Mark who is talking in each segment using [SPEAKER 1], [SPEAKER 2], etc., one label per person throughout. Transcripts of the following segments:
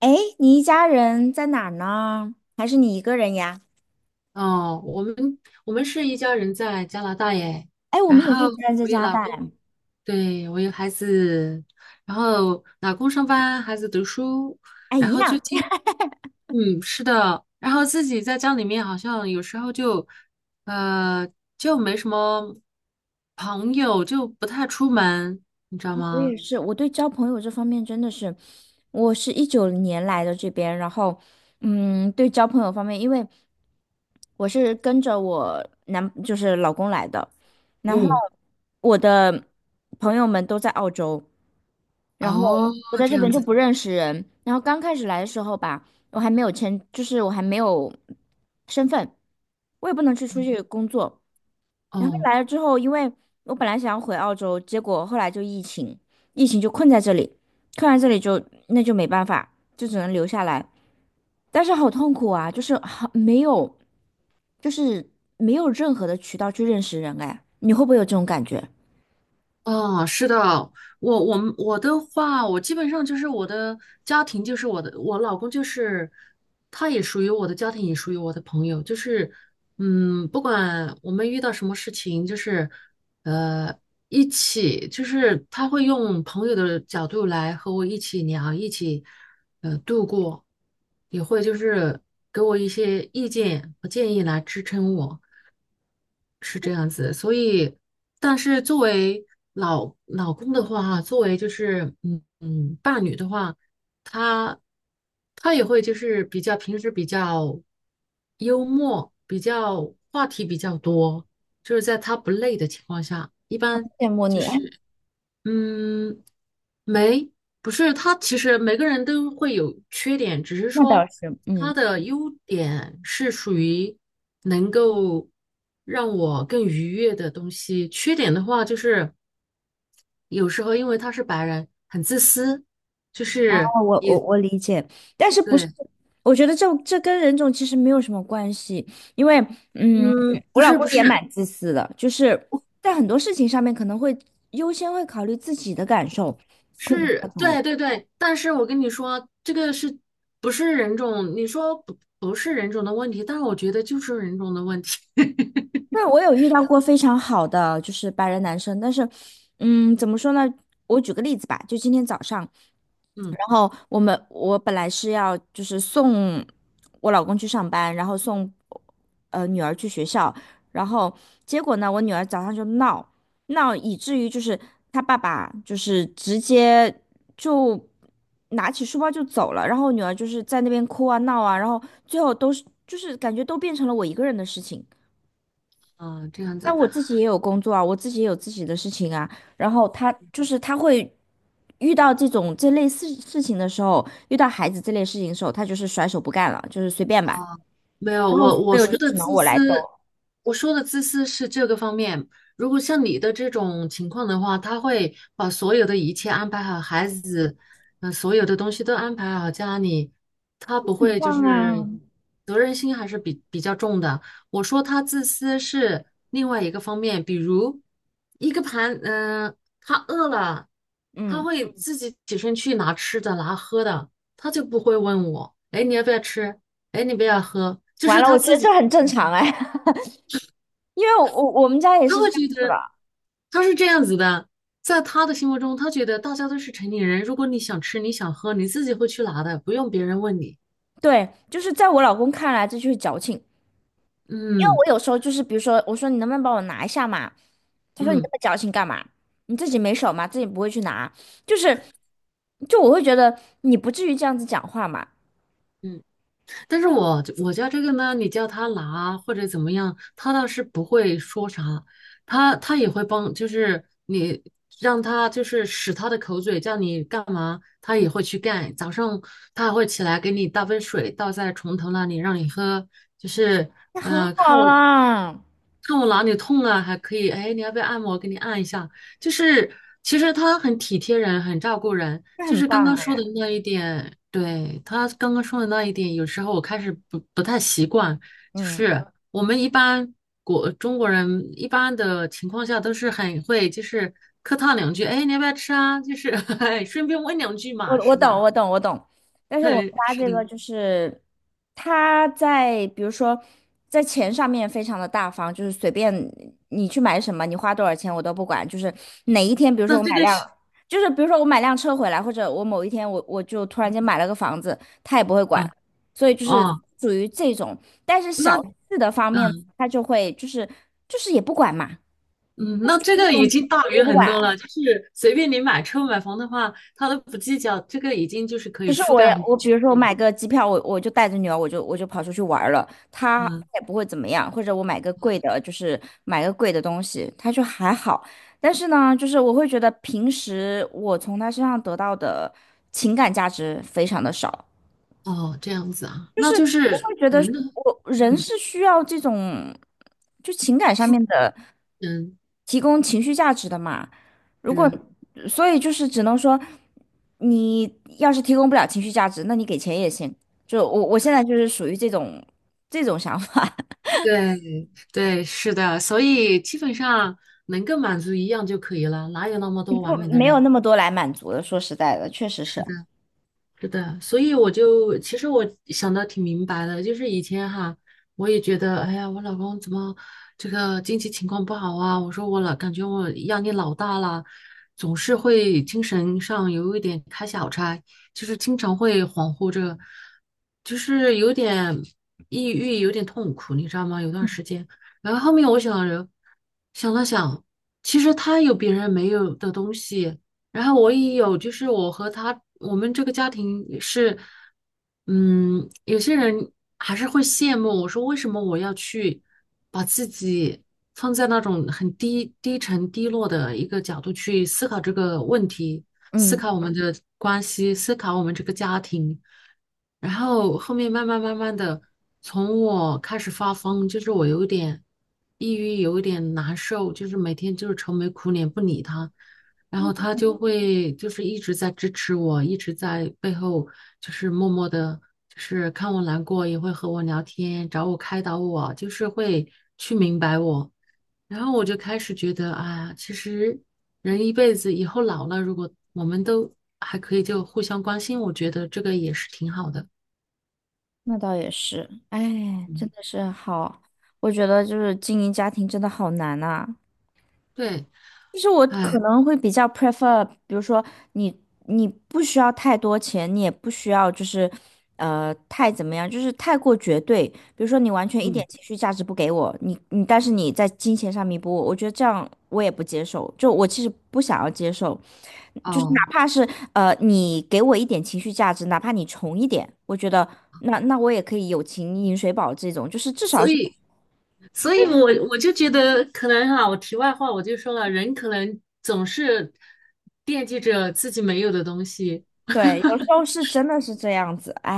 [SPEAKER 1] 哎，你一家人在哪儿呢？还是你一个人呀？
[SPEAKER 2] 哦，我们是一家人在加拿大耶，
[SPEAKER 1] 哎，我
[SPEAKER 2] 然
[SPEAKER 1] 们也是
[SPEAKER 2] 后
[SPEAKER 1] 一个人在
[SPEAKER 2] 我有
[SPEAKER 1] 家
[SPEAKER 2] 老
[SPEAKER 1] 带。大
[SPEAKER 2] 公，
[SPEAKER 1] 哎。
[SPEAKER 2] 对，我有孩子，然后老公上班，孩子读书，
[SPEAKER 1] 哎，
[SPEAKER 2] 然
[SPEAKER 1] 一
[SPEAKER 2] 后最
[SPEAKER 1] 样，
[SPEAKER 2] 近，嗯，是的，然后自己在家里面好像有时候就，呃，就没什么朋友，就不太出门，你知道
[SPEAKER 1] 我
[SPEAKER 2] 吗？
[SPEAKER 1] 也是。我对交朋友这方面真的是，我是一九年来的这边，然后，嗯，对交朋友方面，因为我是跟着我男，就是老公来的，然后
[SPEAKER 2] 嗯，
[SPEAKER 1] 我的朋友们都在澳洲。然后
[SPEAKER 2] 哦，
[SPEAKER 1] 我在
[SPEAKER 2] 这
[SPEAKER 1] 这边
[SPEAKER 2] 样
[SPEAKER 1] 就
[SPEAKER 2] 子，
[SPEAKER 1] 不认识人。然后刚开始来的时候吧，我还没有签，就是我还没有身份，我也不能去出去
[SPEAKER 2] 嗯
[SPEAKER 1] 工作。然后
[SPEAKER 2] 哦。
[SPEAKER 1] 来了之后，因为我本来想要回澳洲，结果后来就疫情，疫情就困在这里，困在这里就那就没办法，就只能留下来。但是好痛苦啊，就是好没有，就是没有任何的渠道去认识人哎，你会不会有这种感觉？
[SPEAKER 2] 哦，是的，我的话，我基本上就是我的家庭，就是我老公，就是他也属于我的家庭，也属于我的朋友，就是嗯，不管我们遇到什么事情，就是呃一起，就是他会用朋友的角度来和我一起聊，一起度过，也会就是给我一些意见和建议来支撑我。但是作为老公的话，作为就是伴侣的话，他他也会就是比较平时比较幽默，比较话题比较多，就是在他不累的情况下，一般
[SPEAKER 1] 羡慕你，
[SPEAKER 2] 嗯，没，不是，他其实每个人都会有缺点，只是
[SPEAKER 1] 那倒
[SPEAKER 2] 说
[SPEAKER 1] 是，嗯。
[SPEAKER 2] 他的优点是属于能够让我更愉悦的东西，缺点的话就是有时候因为他是白人，很自私，就是
[SPEAKER 1] 哦我理解，但是不是？
[SPEAKER 2] 对，
[SPEAKER 1] 我觉得这跟人种其实没有什么关系，因为嗯，
[SPEAKER 2] 嗯，不
[SPEAKER 1] 我老
[SPEAKER 2] 是
[SPEAKER 1] 公
[SPEAKER 2] 不
[SPEAKER 1] 也
[SPEAKER 2] 是
[SPEAKER 1] 蛮自私的，就是在很多事情上面可能会优先会考虑自己的感受，会比较
[SPEAKER 2] 是，
[SPEAKER 1] 多。
[SPEAKER 2] 对对对，但是我跟你说，这个是不是人种？你说不是人种的问题，但是我觉得就是人种的问题，
[SPEAKER 1] 对，我有遇到过非常好的就是白人男生，但是，嗯，怎么说呢？我举个例子吧，就今天早上，
[SPEAKER 2] 嗯。
[SPEAKER 1] 然后我本来是要就是送我老公去上班，然后送女儿去学校，然后结果呢，我女儿早上就闹，以至于就是她爸爸就是直接就拿起书包就走了，然后我女儿就是在那边哭啊闹啊，然后最后都是就是感觉都变成了我一个人的事情。
[SPEAKER 2] 啊，这样子，
[SPEAKER 1] 但我自己也有工作啊，我自己也有自己的事情啊。然后他就是他会遇到这种这类事情的时候，他就是甩手不干了，就是随便吧。
[SPEAKER 2] 没有，
[SPEAKER 1] 然后所
[SPEAKER 2] 我
[SPEAKER 1] 有就
[SPEAKER 2] 说的
[SPEAKER 1] 只能
[SPEAKER 2] 自
[SPEAKER 1] 我来兜。
[SPEAKER 2] 私，我说的自私是这个方面。如果像你的这种情况的话，他会把所有的一切安排好，孩子，嗯、所有的东西都安排好，家里，他不会就是责任心还是比较重的。我说他自私是另外一个方面，比如一个盘，嗯、他饿了，他
[SPEAKER 1] 嗯，
[SPEAKER 2] 会自己起身去拿吃的拿喝的，他就不会问我，哎，你要不要吃？哎，你不要喝，就
[SPEAKER 1] 完
[SPEAKER 2] 是
[SPEAKER 1] 了，
[SPEAKER 2] 他
[SPEAKER 1] 我觉
[SPEAKER 2] 自
[SPEAKER 1] 得
[SPEAKER 2] 己，
[SPEAKER 1] 这很正常哎，因为我们家也
[SPEAKER 2] 他
[SPEAKER 1] 是这
[SPEAKER 2] 会
[SPEAKER 1] 样
[SPEAKER 2] 觉
[SPEAKER 1] 子
[SPEAKER 2] 得
[SPEAKER 1] 的。
[SPEAKER 2] 他是这样子的，在他的心目中，他觉得大家都是成年人，如果你想吃，你想喝，你自己会去拿的，不用别人问你。
[SPEAKER 1] 对，就是在我老公看来，这就是矫情。因为
[SPEAKER 2] 嗯
[SPEAKER 1] 我有时候就是，比如说，我说你能不能帮我拿一下嘛？他说你那
[SPEAKER 2] 嗯
[SPEAKER 1] 么矫情干嘛？你自己没手吗？自己不会去拿？就是，就我会觉得你不至于这样子讲话嘛，
[SPEAKER 2] 嗯，但是我家这个呢，你叫他拿或者怎么样，他倒是不会说啥，他也会帮，就是你让他就是使他的口嘴叫你干嘛，他也会去干。早上他还会起来给你倒杯水，倒在床头那里让你喝，就是
[SPEAKER 1] 那很
[SPEAKER 2] 嗯、
[SPEAKER 1] 好
[SPEAKER 2] 看我
[SPEAKER 1] 啦，
[SPEAKER 2] 看我哪里痛了，还可以，哎，你要不要按摩？给你按一下。就是其实他很体贴人，很照顾人。
[SPEAKER 1] 那
[SPEAKER 2] 就
[SPEAKER 1] 很
[SPEAKER 2] 是刚
[SPEAKER 1] 棒
[SPEAKER 2] 刚说的
[SPEAKER 1] 哎，
[SPEAKER 2] 那一点，对，他刚刚说的那一点，有时候我开始不太习惯。就
[SPEAKER 1] 嗯。
[SPEAKER 2] 是我们一般中国人一般的情况下都是很会，就是客套两句，哎，你要不要吃啊？就是 哎，顺便问两句
[SPEAKER 1] 我
[SPEAKER 2] 嘛，
[SPEAKER 1] 我
[SPEAKER 2] 是吧？
[SPEAKER 1] 懂，我懂，我懂。但 是我
[SPEAKER 2] 对，
[SPEAKER 1] 发
[SPEAKER 2] 是
[SPEAKER 1] 这个
[SPEAKER 2] 的。
[SPEAKER 1] 就是，他在比如说在钱上面非常的大方，就是随便你去买什么，你花多少钱我都不管。就是哪一天，比如说
[SPEAKER 2] 那
[SPEAKER 1] 我
[SPEAKER 2] 这
[SPEAKER 1] 买
[SPEAKER 2] 个
[SPEAKER 1] 辆，
[SPEAKER 2] 是
[SPEAKER 1] 就是比如说我买辆车回来，或者我某一天我就突然间买了个房子，他也不会管。
[SPEAKER 2] 啊，
[SPEAKER 1] 所以就是
[SPEAKER 2] 哦，
[SPEAKER 1] 属于这种，但是小
[SPEAKER 2] 那
[SPEAKER 1] 事的方面
[SPEAKER 2] 嗯
[SPEAKER 1] 他就会就是也不管嘛，
[SPEAKER 2] 嗯，那
[SPEAKER 1] 就
[SPEAKER 2] 这
[SPEAKER 1] 是
[SPEAKER 2] 个已经大
[SPEAKER 1] 我
[SPEAKER 2] 于
[SPEAKER 1] 不
[SPEAKER 2] 很
[SPEAKER 1] 管，
[SPEAKER 2] 多了。就是随便你买车买房的话，他都不计较，这个已经就是可
[SPEAKER 1] 就
[SPEAKER 2] 以
[SPEAKER 1] 是
[SPEAKER 2] 覆
[SPEAKER 1] 我
[SPEAKER 2] 盖
[SPEAKER 1] 要
[SPEAKER 2] 很多
[SPEAKER 1] 我，比
[SPEAKER 2] 群
[SPEAKER 1] 如说我
[SPEAKER 2] 体
[SPEAKER 1] 买
[SPEAKER 2] 了。
[SPEAKER 1] 个机票，我就带着女儿，我就跑出去玩儿了，她
[SPEAKER 2] 嗯。
[SPEAKER 1] 也不会怎么样。或者我买个贵的，就是买个贵的东西，她就还好。但是呢，就是我会觉得平时我从她身上得到的情感价值非常的少，
[SPEAKER 2] 哦，这样子啊，那就
[SPEAKER 1] 我
[SPEAKER 2] 是
[SPEAKER 1] 会觉得
[SPEAKER 2] 人
[SPEAKER 1] 是
[SPEAKER 2] 的，
[SPEAKER 1] 我人
[SPEAKER 2] 嗯，
[SPEAKER 1] 是需要这种就情感上
[SPEAKER 2] 精
[SPEAKER 1] 面的
[SPEAKER 2] 神
[SPEAKER 1] 提供情绪价值的嘛。如果
[SPEAKER 2] 是，
[SPEAKER 1] 所以就是只能说，你要是提供不了情绪价值，那你给钱也行。就我现在就是属于这种想法，
[SPEAKER 2] 对对，是的，所以基本上能够满足一样就可以了，哪有那么多 完
[SPEAKER 1] 不
[SPEAKER 2] 美的
[SPEAKER 1] 没有那
[SPEAKER 2] 人？
[SPEAKER 1] 么多来满足的。说实在的，确实
[SPEAKER 2] 是
[SPEAKER 1] 是，
[SPEAKER 2] 的，是的，所以我就其实我想的挺明白的，就是以前哈，我也觉得，哎呀，我老公怎么这个经济情况不好啊？我说我老感觉我压力老大了，总是会精神上有一点开小差，就是经常会恍惚着，就是有点抑郁，有点痛苦，你知道吗？有段时间，然后后面我想着想了想，其实他有别人没有的东西。然后我也有，就是我和他，我们这个家庭也是，嗯，有些人还是会羡慕我说，为什么我要去把自己放在那种很低、低沉、低落的一个角度去思考这个问题，思
[SPEAKER 1] 嗯，
[SPEAKER 2] 考我们的关系，思考我们这个家庭。然后后面慢慢的，从我开始发疯，就是我有点抑郁，有点难受，就是每天就是愁眉苦脸不理他，然后他就会就是一直在支持我，一直在背后就是默默的，就是看我难过也会和我聊天，找我开导我，就是会去明白我。然后我就开始觉得，哎呀，其实人一辈子以后老了，如果我们都还可以就互相关心，我觉得这个也是挺好的。
[SPEAKER 1] 那倒也是。哎，真的是好，我觉得就是经营家庭真的好难呐、
[SPEAKER 2] 对，
[SPEAKER 1] 就是我
[SPEAKER 2] 哎，
[SPEAKER 1] 可能会比较 prefer，比如说你你不需要太多钱，你也不需要就是太怎么样，就是太过绝对。比如说你完全一点
[SPEAKER 2] 嗯，
[SPEAKER 1] 情绪价值不给我，你但是你在金钱上弥补我，我觉得这样我也不接受。就我其实不想要接受，就是哪
[SPEAKER 2] 哦，
[SPEAKER 1] 怕是你给我一点情绪价值，哪怕你穷一点，我觉得那我也可以友情饮水饱这种，就是至少
[SPEAKER 2] 所
[SPEAKER 1] 是。
[SPEAKER 2] 以，所以我就觉得，可能哈、我题外话我就说了，人可能总是惦记着自己没有的东西，
[SPEAKER 1] 对，有时候是真的是这样子，哎，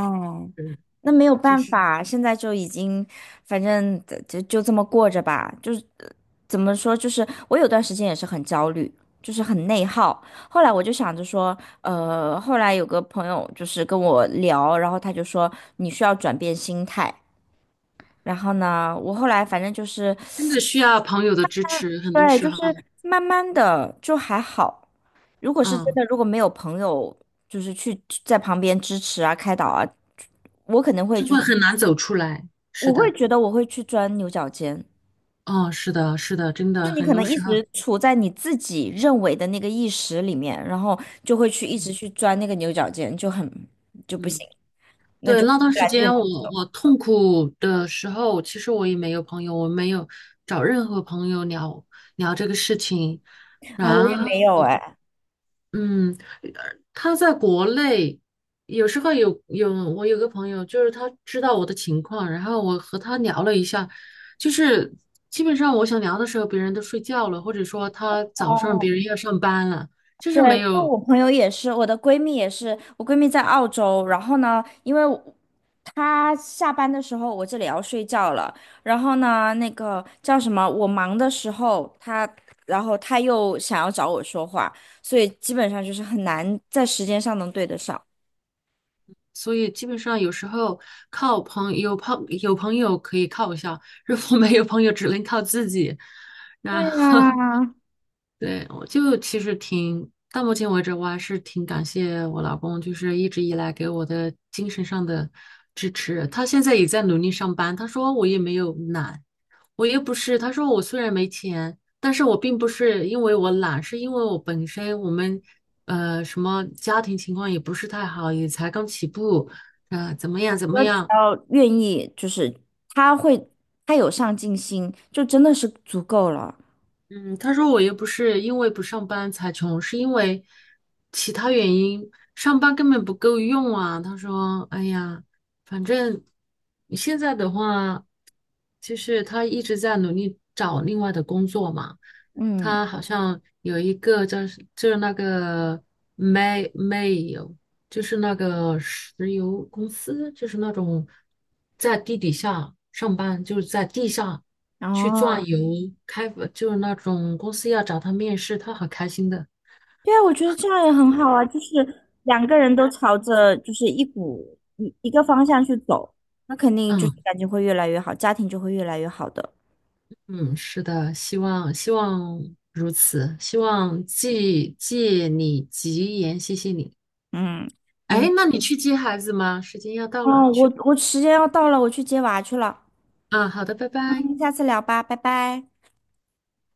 [SPEAKER 2] 嗯，
[SPEAKER 1] 那没有
[SPEAKER 2] 就
[SPEAKER 1] 办
[SPEAKER 2] 是
[SPEAKER 1] 法，现在就已经，反正就这么过着吧。就是怎么说，就是我有段时间也是很焦虑，就是很内耗。后来我就想着说，后来有个朋友就是跟我聊，然后他就说你需要转变心态。然后呢，我后来反正就是
[SPEAKER 2] 真的需要朋友的支持，很多
[SPEAKER 1] 对，
[SPEAKER 2] 时
[SPEAKER 1] 就
[SPEAKER 2] 候，
[SPEAKER 1] 是慢慢的就还好。如果是真
[SPEAKER 2] 嗯，
[SPEAKER 1] 的，如果没有朋友就是去在旁边支持啊、开导啊，我可能会
[SPEAKER 2] 就
[SPEAKER 1] 就
[SPEAKER 2] 会很难走出来。是
[SPEAKER 1] 我会
[SPEAKER 2] 的，
[SPEAKER 1] 觉得我会去钻牛角尖。
[SPEAKER 2] 哦，是的，是的，真
[SPEAKER 1] 就
[SPEAKER 2] 的，
[SPEAKER 1] 是你
[SPEAKER 2] 很
[SPEAKER 1] 可能
[SPEAKER 2] 多
[SPEAKER 1] 一
[SPEAKER 2] 时候，
[SPEAKER 1] 直处在你自己认为的那个意识里面，然后就会去一直
[SPEAKER 2] 嗯
[SPEAKER 1] 去钻那个牛角尖，就很就不
[SPEAKER 2] 嗯。
[SPEAKER 1] 行，
[SPEAKER 2] 对，那段
[SPEAKER 1] 越
[SPEAKER 2] 时
[SPEAKER 1] 来越难
[SPEAKER 2] 间我痛苦的时候，其实我也没有朋友，我没有找任何朋友聊聊这个事情。
[SPEAKER 1] 啊！
[SPEAKER 2] 然
[SPEAKER 1] 我也没
[SPEAKER 2] 后，
[SPEAKER 1] 有哎。
[SPEAKER 2] 嗯，呃他在国内，有时候我有个朋友，就是他知道我的情况，然后我和他聊了一下，就是基本上我想聊的时候，别人都睡觉了，或者说他早上
[SPEAKER 1] 哦，
[SPEAKER 2] 别人要上班了，就
[SPEAKER 1] 对，
[SPEAKER 2] 是没
[SPEAKER 1] 因为
[SPEAKER 2] 有。
[SPEAKER 1] 我朋友也是，我的闺蜜也是，我闺蜜在澳洲，然后呢，因为他下班的时候，我这里要睡觉了。然后呢，那个叫什么，我忙的时候，他，然后他又想要找我说话，所以基本上就是很难在时间上能对得上。
[SPEAKER 2] 所以基本上有时候靠朋友可以靠一下，如果没有朋友，只能靠自己。
[SPEAKER 1] 对
[SPEAKER 2] 然后
[SPEAKER 1] 呀，
[SPEAKER 2] 对，我就其实挺，到目前为止，我还是挺感谢我老公，就是一直以来给我的精神上的支持。他现在也在努力上班，他说我也没有懒，我又不是，他说我虽然没钱，但是我并不是因为我懒，是因为我本身我们什么家庭情况也不是太好，也才刚起步，怎么样怎么
[SPEAKER 1] 我只
[SPEAKER 2] 样，
[SPEAKER 1] 要愿意，就是他会，他有上进心，就真的是足够了。
[SPEAKER 2] 嗯，他说我又不是因为不上班才穷，是因为其他原因，上班根本不够用啊。他说，哎呀，反正你现在的话，就是他一直在努力找另外的工作嘛。
[SPEAKER 1] 嗯，
[SPEAKER 2] 他好像有一个叫是就是那个 m a 煤油，就是那个石油公司，就是那种在地底下上班，就是在地下。去
[SPEAKER 1] 哦。
[SPEAKER 2] 转游，开就是那种公司要找他面试，他很开心的。
[SPEAKER 1] 对啊，我觉得这样也很好啊，就是两个人都朝着就是一股一一个方向去走，那肯定就是
[SPEAKER 2] 嗯
[SPEAKER 1] 感情会越来越好，家庭就会越来越好的。
[SPEAKER 2] 嗯，是的，希望希望如此，希望借借你吉言，谢谢你。
[SPEAKER 1] 嗯嗯，
[SPEAKER 2] 哎，那你去接孩子吗？时间要到了，
[SPEAKER 1] 哦，
[SPEAKER 2] 去
[SPEAKER 1] 我
[SPEAKER 2] 吧
[SPEAKER 1] 我时间要到了，我去接娃去了，
[SPEAKER 2] 啊，好的，拜拜。
[SPEAKER 1] 嗯，下次聊吧，拜拜。